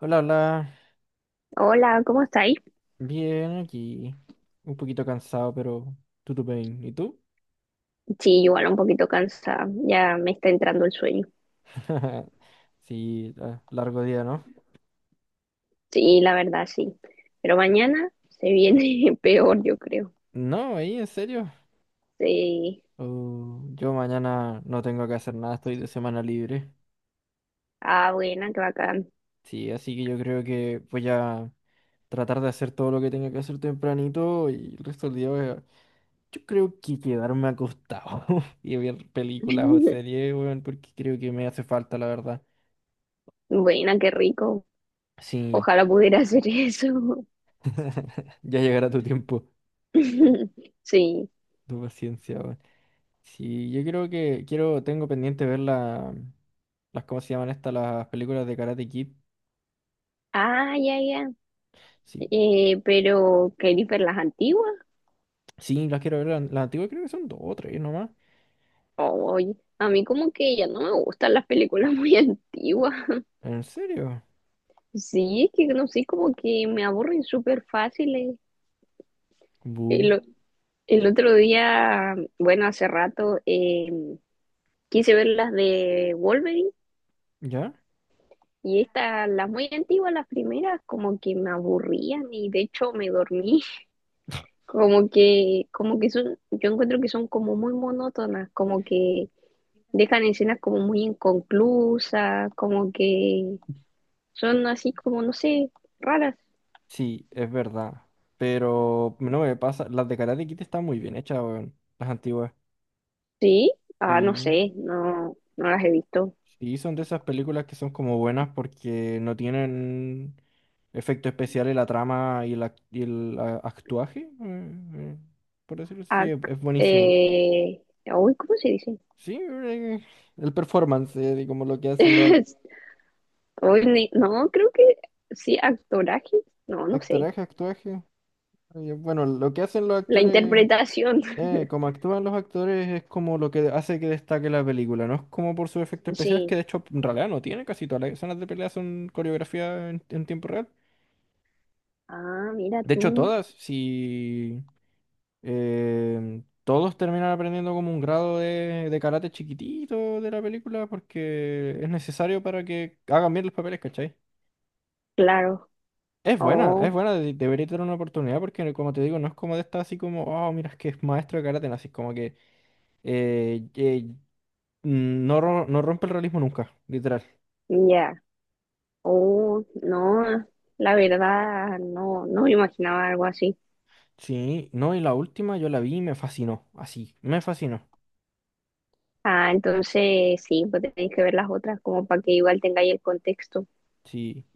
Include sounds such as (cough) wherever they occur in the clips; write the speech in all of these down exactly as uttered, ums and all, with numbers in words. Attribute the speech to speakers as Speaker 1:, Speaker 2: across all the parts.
Speaker 1: Hola, hola.
Speaker 2: Hola, ¿cómo estáis?
Speaker 1: Bien, aquí. Un poquito cansado, pero tutu bien. ¿Y tú?
Speaker 2: Sí, igual un poquito cansada, ya me está entrando el sueño.
Speaker 1: (laughs) Sí, la- largo día, ¿no?
Speaker 2: Sí, la verdad, sí. Pero mañana se viene (laughs) peor, yo creo.
Speaker 1: No, ahí, en serio.
Speaker 2: Sí.
Speaker 1: Oh, yo mañana no tengo que hacer nada, estoy de semana libre.
Speaker 2: Ah, buena, qué bacán.
Speaker 1: Sí, así que yo creo que voy a tratar de hacer todo lo que tenga que hacer tempranito y el resto del día voy a- yo creo que quedarme acostado (laughs) y ver películas o
Speaker 2: (laughs)
Speaker 1: series, weón, porque creo que me hace falta, la verdad.
Speaker 2: Buena, qué rico.
Speaker 1: Sí,
Speaker 2: Ojalá pudiera hacer eso.
Speaker 1: (laughs) ya llegará tu tiempo,
Speaker 2: (laughs) Sí.
Speaker 1: tu paciencia, weón. Sí, yo creo que quiero, tengo pendiente ver la, las, ¿cómo se llaman estas? Las películas de Karate Kid.
Speaker 2: Ah, ya, ya.
Speaker 1: Sí,
Speaker 2: Eh, pero, ¿qué ver las antiguas?
Speaker 1: sí, las quiero ver. Las, las antiguas creo que son dos o tres nomás.
Speaker 2: Oye, a mí como que ya no me gustan las películas muy (laughs) antiguas.
Speaker 1: ¿En serio?
Speaker 2: Sí, es que no sé, como que me aburren súper fáciles.
Speaker 1: Bu.
Speaker 2: El otro día, bueno, hace rato, eh, quise ver las de Wolverine
Speaker 1: ¿Ya?
Speaker 2: y estas, las muy antiguas, las primeras, como que me aburrían y de hecho me dormí. (laughs) Como que, como que son, yo encuentro que son como muy monótonas, como que dejan escenas como muy inconclusas, como que son así como, no sé, raras.
Speaker 1: Sí, es verdad. Pero no me pasa. Las de Karate Kid están muy bien hechas, weón. Las antiguas.
Speaker 2: Sí, ah, no
Speaker 1: Sí.
Speaker 2: sé, no, no las he visto.
Speaker 1: Sí, son de esas películas que son como buenas porque no tienen efecto especial en la trama y, el ac- y el ah, actuaje. eh, eh, Por decirlo así, es
Speaker 2: Ac-
Speaker 1: es buenísimo.
Speaker 2: eh, uy, ¿cómo se dice?
Speaker 1: Sí, eh, el performance, eh, y como lo que hacen los ac-
Speaker 2: (laughs) Hoy ni- no, creo que sí, actoraje. No, no sé.
Speaker 1: actoraje, actuaje. eh, Bueno, lo que hacen los
Speaker 2: La
Speaker 1: actores,
Speaker 2: interpretación.
Speaker 1: eh,
Speaker 2: (laughs)
Speaker 1: como actúan los actores es como lo que hace que destaque la película, no es como por sus efectos especiales, que
Speaker 2: Sí.
Speaker 1: de hecho en realidad no tiene casi todas las escenas de pelea son coreografía en, en tiempo real.
Speaker 2: Ah, mira
Speaker 1: De hecho
Speaker 2: tú.
Speaker 1: todas, si eh, todos terminan aprendiendo como un grado de, de karate chiquitito de la película porque es necesario para que hagan bien los papeles, ¿cachai?
Speaker 2: Claro.
Speaker 1: Es buena, es
Speaker 2: Oh,
Speaker 1: buena, de- debería tener una oportunidad porque como te digo, no es como de esta así como, oh, mira, es que es maestro de karate, no, así como que eh, eh, mm, no, ro- no rompe el realismo nunca, literal.
Speaker 2: ya. Oh, no. La verdad, no, no me imaginaba algo así.
Speaker 1: Sí, no, y la última yo la vi y me fascinó, así, me fascinó.
Speaker 2: Ah, entonces sí, pues tenéis que ver las otras como para que igual tengáis el contexto.
Speaker 1: Sí,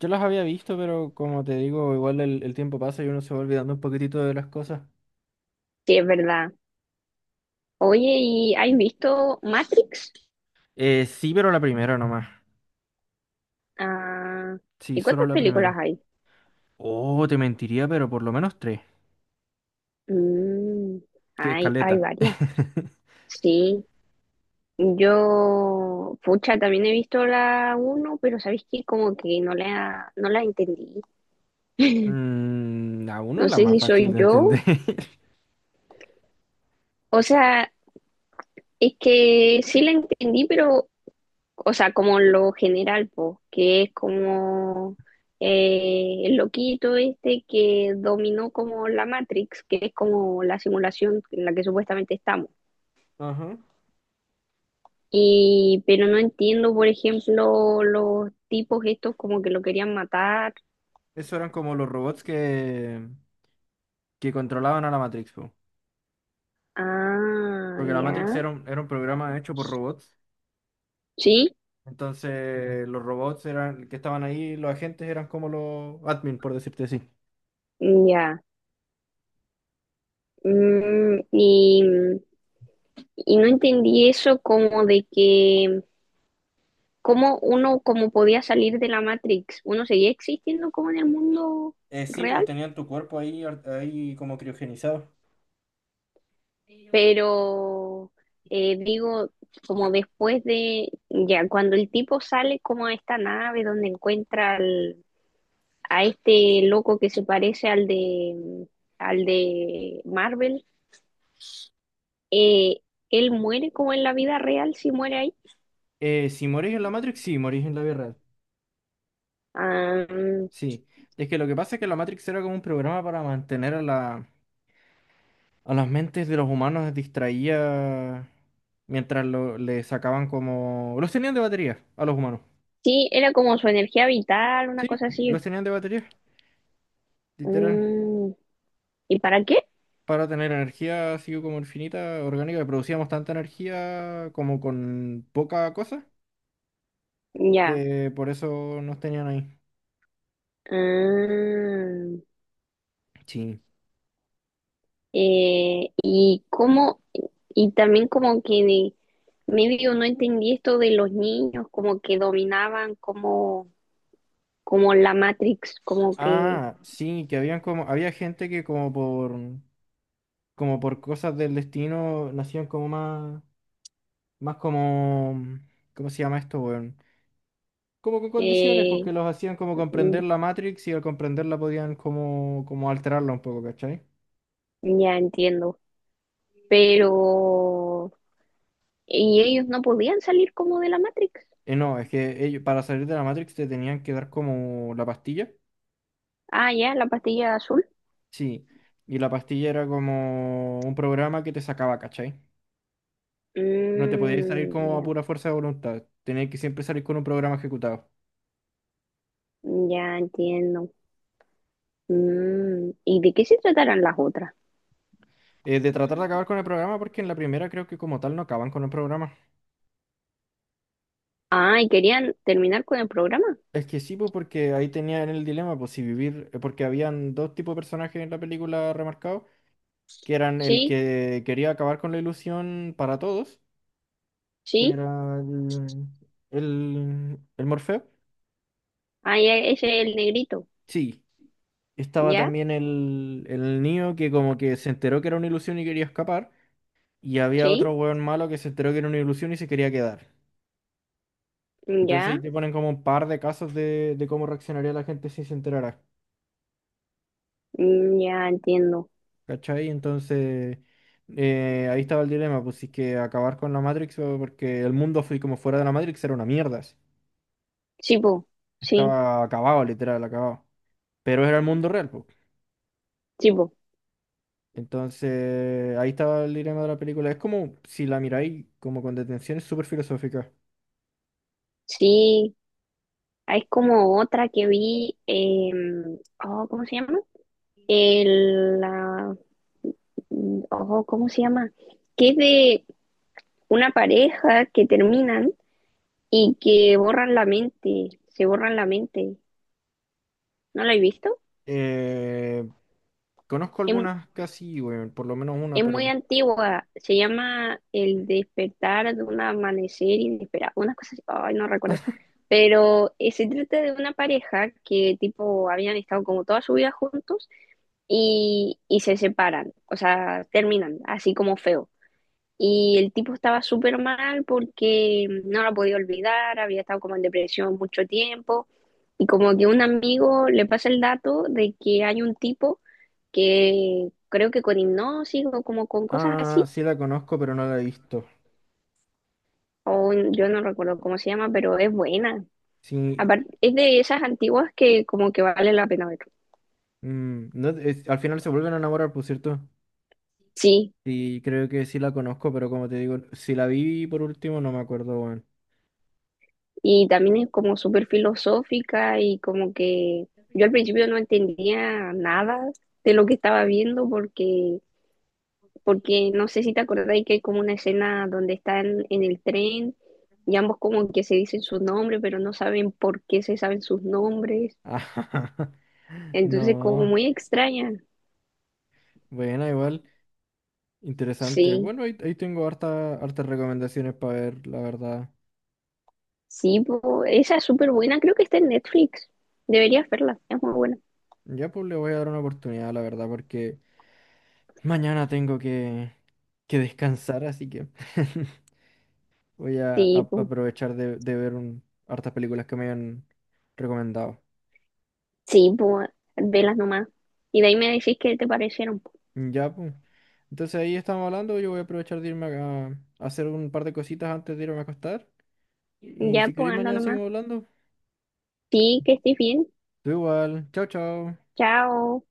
Speaker 1: yo las había visto, pero como te digo, igual el, el tiempo pasa y uno se va olvidando un poquitito de las cosas.
Speaker 2: Sí, es verdad. Oye, ¿y has visto Matrix?
Speaker 1: Eh, sí, pero la primera nomás.
Speaker 2: Ah,
Speaker 1: Sí,
Speaker 2: ¿y
Speaker 1: solo
Speaker 2: cuántas
Speaker 1: la
Speaker 2: películas
Speaker 1: primera.
Speaker 2: hay?
Speaker 1: Oh, te mentiría, pero por lo menos tres.
Speaker 2: Mm,
Speaker 1: Que
Speaker 2: hay, hay
Speaker 1: caleta.
Speaker 2: varias.
Speaker 1: (laughs)
Speaker 2: Sí. Yo, pucha, también he visto la uno, pero sabéis que como que no la, no la entendí.
Speaker 1: Mm, a uno
Speaker 2: No
Speaker 1: la
Speaker 2: sé
Speaker 1: más
Speaker 2: si
Speaker 1: fácil
Speaker 2: soy
Speaker 1: de entender.
Speaker 2: yo.
Speaker 1: (laughs)
Speaker 2: O sea, es que sí la entendí, pero, o sea, como lo general, pues, que es como eh, el loquito este que dominó como la Matrix, que es como la simulación en la que supuestamente estamos.
Speaker 1: Ajá.
Speaker 2: Y, pero no entiendo, por ejemplo, los tipos estos como que lo querían matar.
Speaker 1: Eso eran como los robots que, que controlaban a la Matrix, po.
Speaker 2: Ah,
Speaker 1: Porque la Matrix
Speaker 2: ya.
Speaker 1: era un, era un programa hecho por robots.
Speaker 2: Sí,
Speaker 1: Entonces, los robots eran que estaban ahí, los agentes eran como los admin, por decirte así.
Speaker 2: mm, ya. Mm, y, y no entendí eso como de que, cómo uno como podía salir de la Matrix, uno seguía existiendo como en el mundo
Speaker 1: Eh, sí, pues
Speaker 2: real,
Speaker 1: tenían tu cuerpo ahí, ar- ahí como criogenizado.
Speaker 2: pero eh, digo, como después de, ya, cuando el tipo sale como a esta nave donde encuentra al- a este loco que se parece al de, al de Marvel, eh, él muere como en la vida real si muere ahí.
Speaker 1: Eh, si morís en la Matrix, sí, morís en la vida real.
Speaker 2: Ah, mm,
Speaker 1: Sí. Es que lo que pasa es que la Matrix era como un programa para mantener a la, a las mentes de los humanos les distraía mientras lo, le sacaban como... Los tenían de batería a los humanos.
Speaker 2: sí, era como su energía vital, una
Speaker 1: Sí,
Speaker 2: cosa así.
Speaker 1: los tenían de batería, literal.
Speaker 2: Mm, ¿y para qué?
Speaker 1: Para tener energía así como infinita, orgánica, que producíamos tanta energía como con poca cosa,
Speaker 2: Ya.
Speaker 1: que por eso nos tenían ahí.
Speaker 2: Ah,
Speaker 1: Sí.
Speaker 2: eh, y cómo, y también como que de- medio no entendí esto de los niños, como que dominaban como, como la Matrix, como que
Speaker 1: Ah, sí, que habían como, había gente que como por, como por cosas del destino nacían como más, más como, ¿cómo se llama esto, weón? Como con condiciones, pues que
Speaker 2: eh,
Speaker 1: los hacían como
Speaker 2: mm,
Speaker 1: comprender la Matrix y al comprenderla podían como, como alterarla un poco, ¿cachai?
Speaker 2: ya entiendo. Pero, ¿y ellos no podían salir como de la Matrix?
Speaker 1: Eh, no, es que ellos, para salir de la Matrix te tenían que dar como la pastilla,
Speaker 2: Ah, ya, la pastilla azul.
Speaker 1: sí, y la pastilla era como un programa que te sacaba, ¿cachai? No te podías salir
Speaker 2: Mm,
Speaker 1: como a
Speaker 2: ya.
Speaker 1: pura fuerza de voluntad, tenías que siempre salir con un programa ejecutado.
Speaker 2: Ya entiendo. Mm, ¿y de qué se tratarán las otras?
Speaker 1: Eh, de tratar de acabar con el programa, porque en la primera creo que como tal no acaban con el programa.
Speaker 2: Ah, ¿y querían terminar con el programa?
Speaker 1: Es que sí, pues porque ahí tenían el dilema, pues si vivir, eh, porque habían dos tipos de personajes en la película remarcados. Que eran el
Speaker 2: Sí,
Speaker 1: que quería acabar con la ilusión para todos, que
Speaker 2: sí.
Speaker 1: era el, el, el Morfeo.
Speaker 2: Ah, ya, ese es el negrito.
Speaker 1: Sí, estaba
Speaker 2: ¿Ya?
Speaker 1: también el, el Neo que como que se enteró que era una ilusión y quería escapar, y había otro
Speaker 2: Sí,
Speaker 1: hueón malo que se enteró que era una ilusión y se quería quedar. Entonces ahí
Speaker 2: ya.
Speaker 1: te ponen como un par de casos de, de cómo reaccionaría la gente si se enterara,
Speaker 2: Mm, ya entiendo.
Speaker 1: ¿cachai? Entonces eh, ahí estaba el dilema, pues si es que acabar con la Matrix o- porque el mundo fue como fuera de la Matrix era una mierda.
Speaker 2: Sí, po. Sí,
Speaker 1: Estaba acabado, literal, acabado. Pero era el mundo real, po.
Speaker 2: sí, po.
Speaker 1: Entonces, ahí estaba el dilema de la película. Es como, si la miráis como con detención, es súper filosófica.
Speaker 2: Sí. Ah, es como otra que vi. Em, oh, ¿cómo se llama? El, la- mm, oh, ¿cómo se llama? Que es de una pareja que terminan y que borran la mente, se borran la mente. ¿No la he visto?
Speaker 1: Eh, conozco
Speaker 2: Es,
Speaker 1: algunas casi, bueno, por lo menos una,
Speaker 2: es
Speaker 1: pero...
Speaker 2: muy antigua, se llama El despertar de un amanecer inesperado, unas cosas, ay, no recuerdo. Pero eh, se trata de una pareja que tipo habían estado como toda su vida juntos y, y se separan, o sea, terminan, así como feo. Y el tipo estaba súper mal porque no lo podía olvidar, había estado como en depresión mucho tiempo. Y como que un amigo le pasa el dato de que hay un tipo que creo que con hipnosis o como con cosas
Speaker 1: Ah,
Speaker 2: así,
Speaker 1: sí la conozco, pero no la he visto.
Speaker 2: o yo no recuerdo cómo se llama, pero es buena.
Speaker 1: Sí,
Speaker 2: Aparte, es de esas antiguas que como que vale la pena ver.
Speaker 1: mm, no, es- al final se vuelven a enamorar, por cierto.
Speaker 2: Sí,
Speaker 1: Y creo que sí la conozco, pero como te digo, si la vi por último, no me acuerdo, bueno.
Speaker 2: y también es como súper filosófica y como que yo al principio no entendía nada de lo que estaba viendo porque porque no sé si te acordáis que hay como una escena donde están en el tren y ambos como que se dicen sus nombres, pero no saben por qué se saben sus nombres.
Speaker 1: (laughs)
Speaker 2: Entonces, como
Speaker 1: No,
Speaker 2: muy extraña.
Speaker 1: buena igual. Interesante.
Speaker 2: Sí,
Speaker 1: Bueno, ahí, ahí tengo harta, hartas recomendaciones para ver, la verdad.
Speaker 2: sí, po, esa es súper buena, creo que está en Netflix. Deberías verla, es muy buena.
Speaker 1: Ya pues le voy a dar una oportunidad, la verdad, porque mañana tengo que, que descansar, así que (laughs) voy a, a-
Speaker 2: Sí, po,
Speaker 1: aprovechar de, de ver un- hartas películas que me han recomendado.
Speaker 2: sí, po, velas nomás. Y de ahí me decís qué te parecieron. Po.
Speaker 1: Ya pues. Entonces ahí estamos hablando, yo voy a aprovechar de irme a, a hacer un par de cositas antes de irme a acostar. Y,
Speaker 2: Ya,
Speaker 1: si queréis
Speaker 2: pues anda
Speaker 1: mañana
Speaker 2: nomás.
Speaker 1: seguimos hablando.
Speaker 2: Sí, que estés bien.
Speaker 1: Tú igual. Chao, chao.
Speaker 2: Chao.